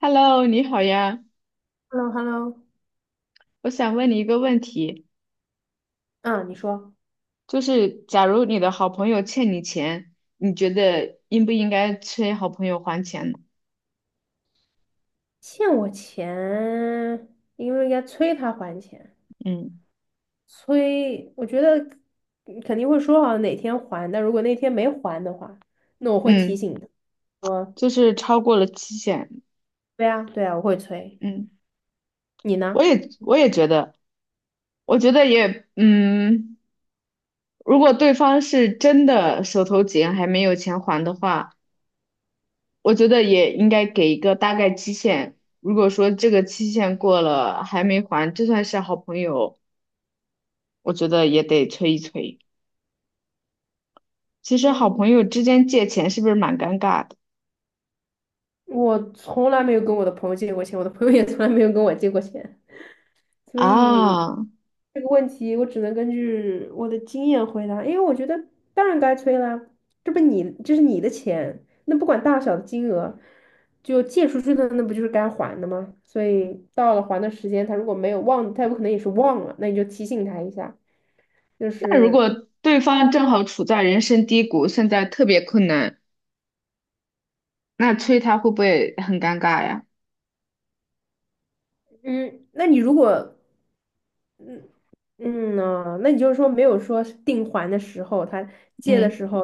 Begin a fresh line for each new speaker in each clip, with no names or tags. Hello，你好呀。
h e l l o h e l l o。
我想问你一个问题，
啊，你说。
就是假如你的好朋友欠你钱，你觉得应不应该催好朋友还钱呢？
欠我钱，应不应该催他还钱？
嗯
催，我觉得嗯肯定会说好哪天还，但如果那天没还的话，那我会提
嗯。
醒他说，
就是超过了期限。
对啊，对啊，我会催。
嗯。
你呢？
我也觉得，我觉得也，如果对方是真的手头紧还没有钱还的话，我觉得也应该给一个大概期限。如果说这个期限过了还没还，就算是好朋友，我觉得也得催一催。其实好
嗯，
朋友之间借钱是不是蛮尴尬的？
我从来没有跟我的朋友借过钱，我的朋友也从来没有跟我借过钱。所以
啊。
这个问题我只能根据我的经验回答，因为我觉得当然该催啦，这不你这是你的钱，那不管大小的金额，就借出去的那不就是该还的吗？所以到了还的时间，他如果没有忘，他有可能也是忘了，那你就提醒他一下，就
那如果
是
对方正好处在人生低谷，现在特别困难，那催他会不会很尴尬呀？
嗯，那你如果那你就是说没有说定还的时候，他借的
嗯
时候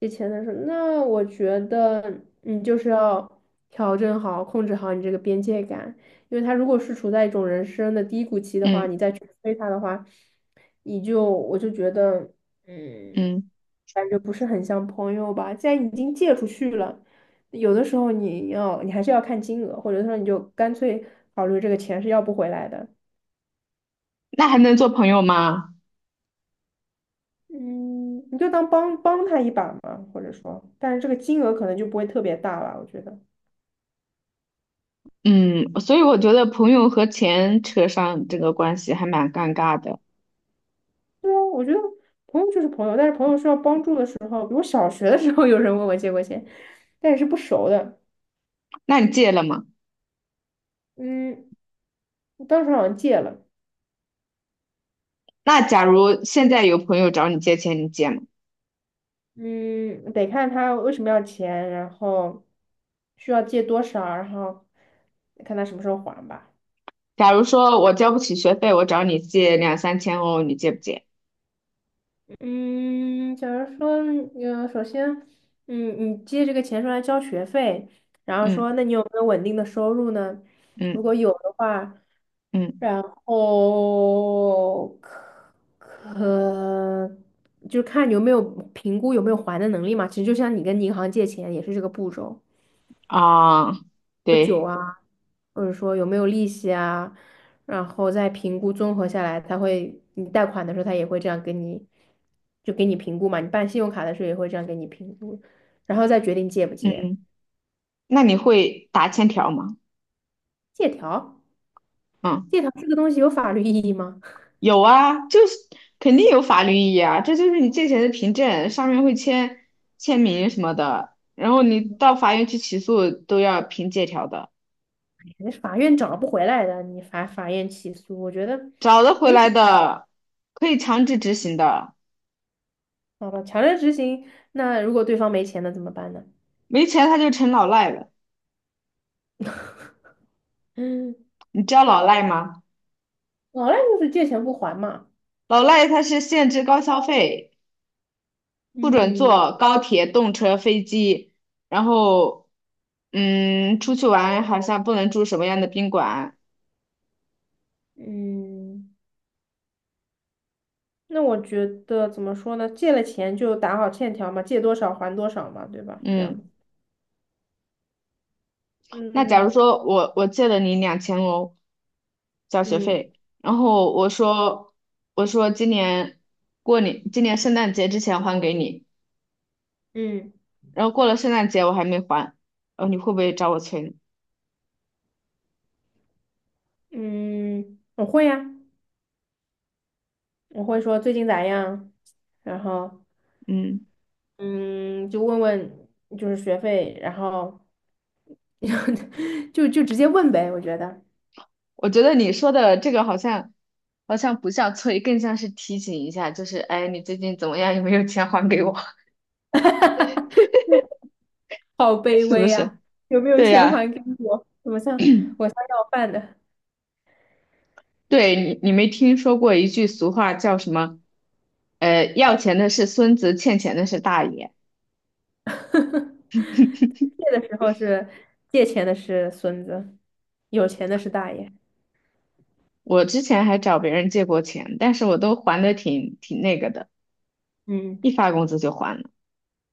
借钱的时候，那我觉得你就是要调整好、控制好你这个边界感，因为他如果是处在一种人生的低谷期的话，
嗯
你再去催他的话，我就觉得，嗯，
嗯。
感觉不是很像朋友吧。既然你已经借出去了，有的时候你还是要看金额，或者说你就干脆考虑这个钱是要不回来的。
那还能做朋友吗？
嗯，你就当帮帮他一把嘛，或者说，但是这个金额可能就不会特别大吧，我觉得。
嗯，所以我觉得朋友和钱扯上这个关系还蛮尴尬的。
朋友就是朋友，但是朋友需要帮助的时候，比如小学的时候有人问我借过钱，但也是不熟的。
那你借了吗？
嗯，我当时好像借了。
那假如现在有朋友找你借钱，你借吗？
嗯，得看他为什么要钱，然后需要借多少，然后看他什么时候还吧。
假如说我交不起学费，我找你借两三千欧，你借不借？
嗯，假如说，首先，嗯，你借这个钱出来交学费，然后
嗯
说，那你有没有稳定的收入呢？如
嗯
果有的话，
嗯。
然后可就看你有没有评估有没有还的能力嘛。其实就像你跟银行借钱也是这个步骤。
啊，对。
或者说有没有利息啊，然后再评估综合下来，他会你贷款的时候他也会这样给你，就给你评估嘛，你办信用卡的时候也会这样给你评估，然后再决定借不借。
嗯，那你会打欠条吗？
借条，
嗯，
借条这个东西有法律意义吗？
有啊，就是肯定有法律意义啊，这就是你借钱的凭证，上面会签名什么的，然后你到 法院去起诉都要凭借条的。
那法院找不回来的，你法院起诉，我觉得
找得回
没什
来
么。
的，可以强制执行的。
好吧，强制执行，那如果对方没钱了怎么办呢？
没钱他就成老赖了。
嗯，
你知道老赖吗？
老赖就是借钱不还嘛。
老赖他是限制高消费，不准
嗯。
坐高铁、动车、飞机，然后，出去玩好像不能住什么样的宾馆。
嗯。那我觉得怎么说呢？借了钱就打好欠条嘛，借多少还多少嘛，对吧？这样子。
嗯，那假如
嗯。
说我借了你2000欧交学
嗯。
费，然后我说今年过年今年圣诞节之前还给你，
嗯。
然后过了圣诞节我还没还，然后你会不会找我催呢？
嗯，我会呀、我会说最近咋样，然后
嗯，
嗯，就问问就是学费，然后 就直接问呗。我觉得
我觉得你说的这个好像不像催，更像是提醒一下，就是哎，你最近怎么样？有没有钱还给我？
好卑
是不
微
是？
呀、有没有
对
钱还
呀。
给我？我像要饭的？
对你，你没听说过一句俗话叫什么？要钱的是孙子，欠钱的是大爷。
借的时候是借钱的是孙子，有钱的是大爷。
我之前还找别人借过钱，但是我都还的挺那个的，
嗯。
一发工资就还了。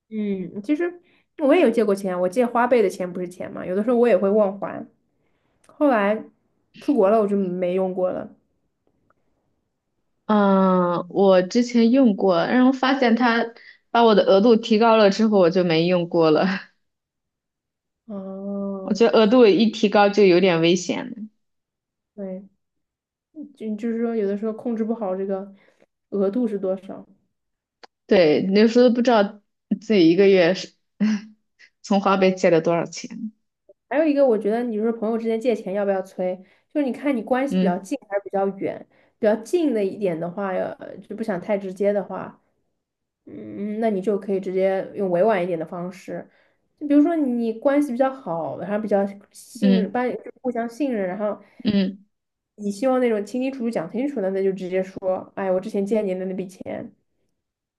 嗯，其实我也有借过钱，我借花呗的钱不是钱嘛，有的时候我也会忘还。后来出国了，我就没用过了。
嗯，我之前用过，然后发现他把我的额度提高了之后，我就没用过了。我
哦，
觉得额度一提高就有点危险了。
对，就是说，有的时候控制不好这个额度是多少。
对，那时候都不知道自己一个月是 从花呗借了多少钱。
还有一个，我觉得你说朋友之间借钱要不要催，就是你看你关系比较
嗯
近还是比较远，比较近的一点的话，就不想太直接的话，嗯，那你就可以直接用委婉一点的方式，就比如说你关系比较好，然后比较信任，
嗯。
班就互相信任，然后
嗯
你希望那种清清楚楚讲清楚的，那就直接说，哎，我之前借你的那笔钱，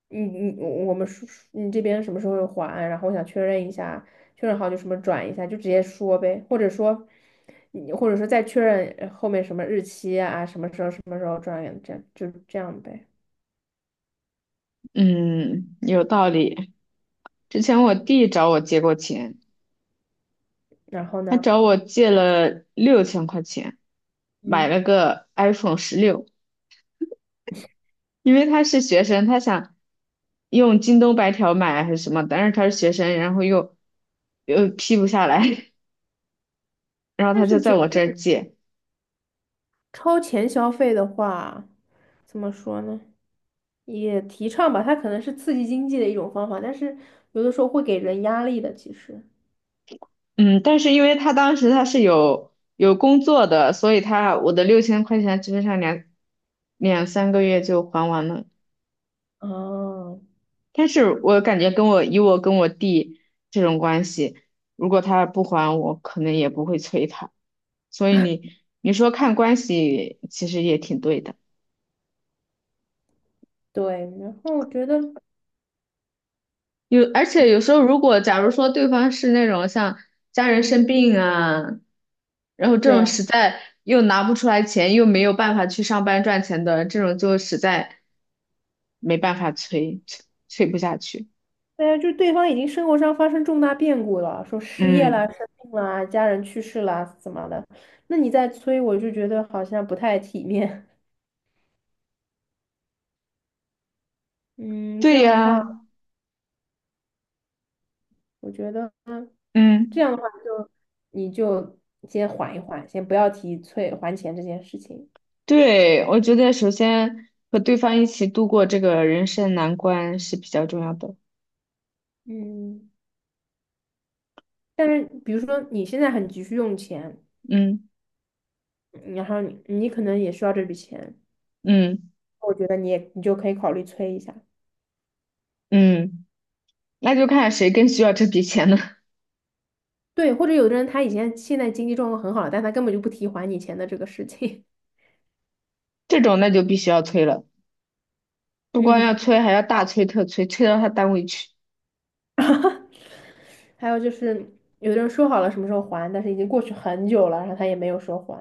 你我们说你这边什么时候会还，然后我想确认一下，确认好就什么转一下，就直接说呗，或者说你或者说再确认后面什么日期啊，什么时候什么时候转这样就这样呗，
嗯，有道理。之前我弟找我借过钱，
然后
他
呢，
找我借了六千块钱，买
嗯。
了个 iPhone 16，因为他是学生，他想用京东白条买还是什么，但是他是学生，然后又批不下来，然后
但
他
是
就在我这儿借。
超前消费的话，怎么说呢？也提倡吧，它可能是刺激经济的一种方法，但是有的时候会给人压力的。其实，
嗯，但是因为他当时他是有工作的，所以他我的六千块钱基本上两三个月就还完了。
嗯，
但是我感觉跟我以我跟我弟这种关系，如果他不还我，可能也不会催他。所以你说看关系，其实也挺对的。
对。然后我觉得，
有，而且有时候如果假如说对方是那种像家人生病啊，然后这
对
种
呀，
实在又拿不出来钱，又没有办法去上班赚钱的，这种就实在没办法催，催催不下去。
对呀，就是对方已经生活上发生重大变故了，说失业啦、
嗯，
生病啦、家人去世啦，怎么的？那你再催，我就觉得好像不太体面。嗯，这
对
样的
呀，
话，我觉得这
嗯。
样的话就你就先缓一缓，先不要提催还钱这件事情。
对，我觉得首先和对方一起度过这个人生难关是比较重要的。
嗯，但是比如说你现在很急需用钱，
嗯
然后你可能也需要这笔钱，
嗯
我觉得你就可以考虑催一下。
嗯，那就看谁更需要这笔钱了。
对，或者有的人他以前现在经济状况很好了，但他根本就不提还你钱的这个事情。
这种那就必须要催了，不光要
嗯，
催，还要大催特催，催到他单位去。
还有就是有的人说好了什么时候还，但是已经过去很久了，然后他也没有说还。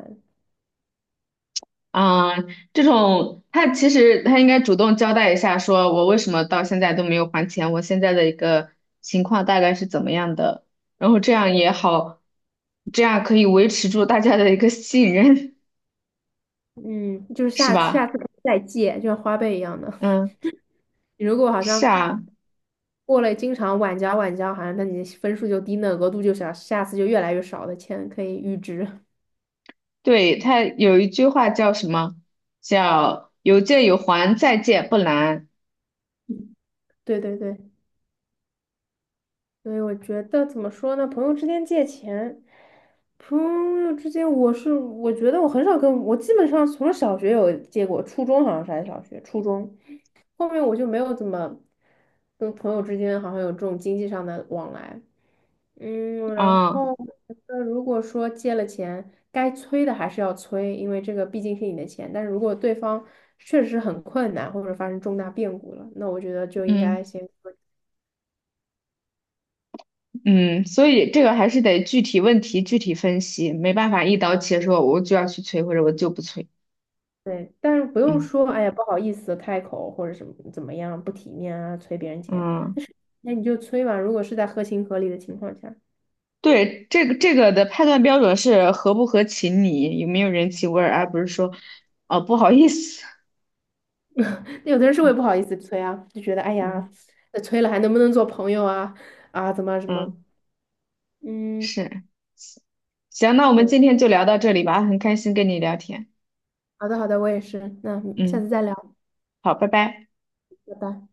啊，这种他其实他应该主动交代一下，说我为什么到现在都没有还钱，我现在的一个情况大概是怎么样的，然后这样也好，这样可以维持住大家的一个信任。
嗯，就是
是
下次下
吧？
次可以再借，就像花呗一样的。
嗯。
你如果好
是
像
啊。
过了经常晚交晚交，好像那你的分数就低，那额度就小，下次就越来越少的钱可以预支。
对，他有一句话叫什么？叫"有借有还，再借不难"。
对对对，所以我觉得怎么说呢？朋友之间借钱，朋友之间，我觉得我很少基本上从小学有借过，初中好像是还是小学，初中后面我就没有怎么跟朋友之间好像有这种经济上的往来。嗯，然
啊，
后我觉得如果说借了钱，该催的还是要催，因为这个毕竟是你的钱。但是如果对方确实很困难，或者发生重大变故了，那我觉得就应
嗯
该先说
嗯，所以这个还是得具体问题具体分析，没办法一刀切说我就要去催或者我就不催。
对，但是不用
嗯
说，哎呀，不好意思开口或者什么怎么样不体面啊，催别人钱，
嗯。
那你就催吧。如果是在合情合理的情况下。
对，这个的判断标准是合不合情理，有没有人情味儿，而不是说哦不好意思。
有的人是会不好意思催啊，就觉得哎
嗯
呀，那催了还能不能做朋友啊？啊，怎么什
嗯，
么？嗯，
是。行，那我们
对，
今天就聊到这里吧。很开心跟你聊天。
好的好的，我也是，那下次
嗯，
再聊，
好，拜拜。
拜拜。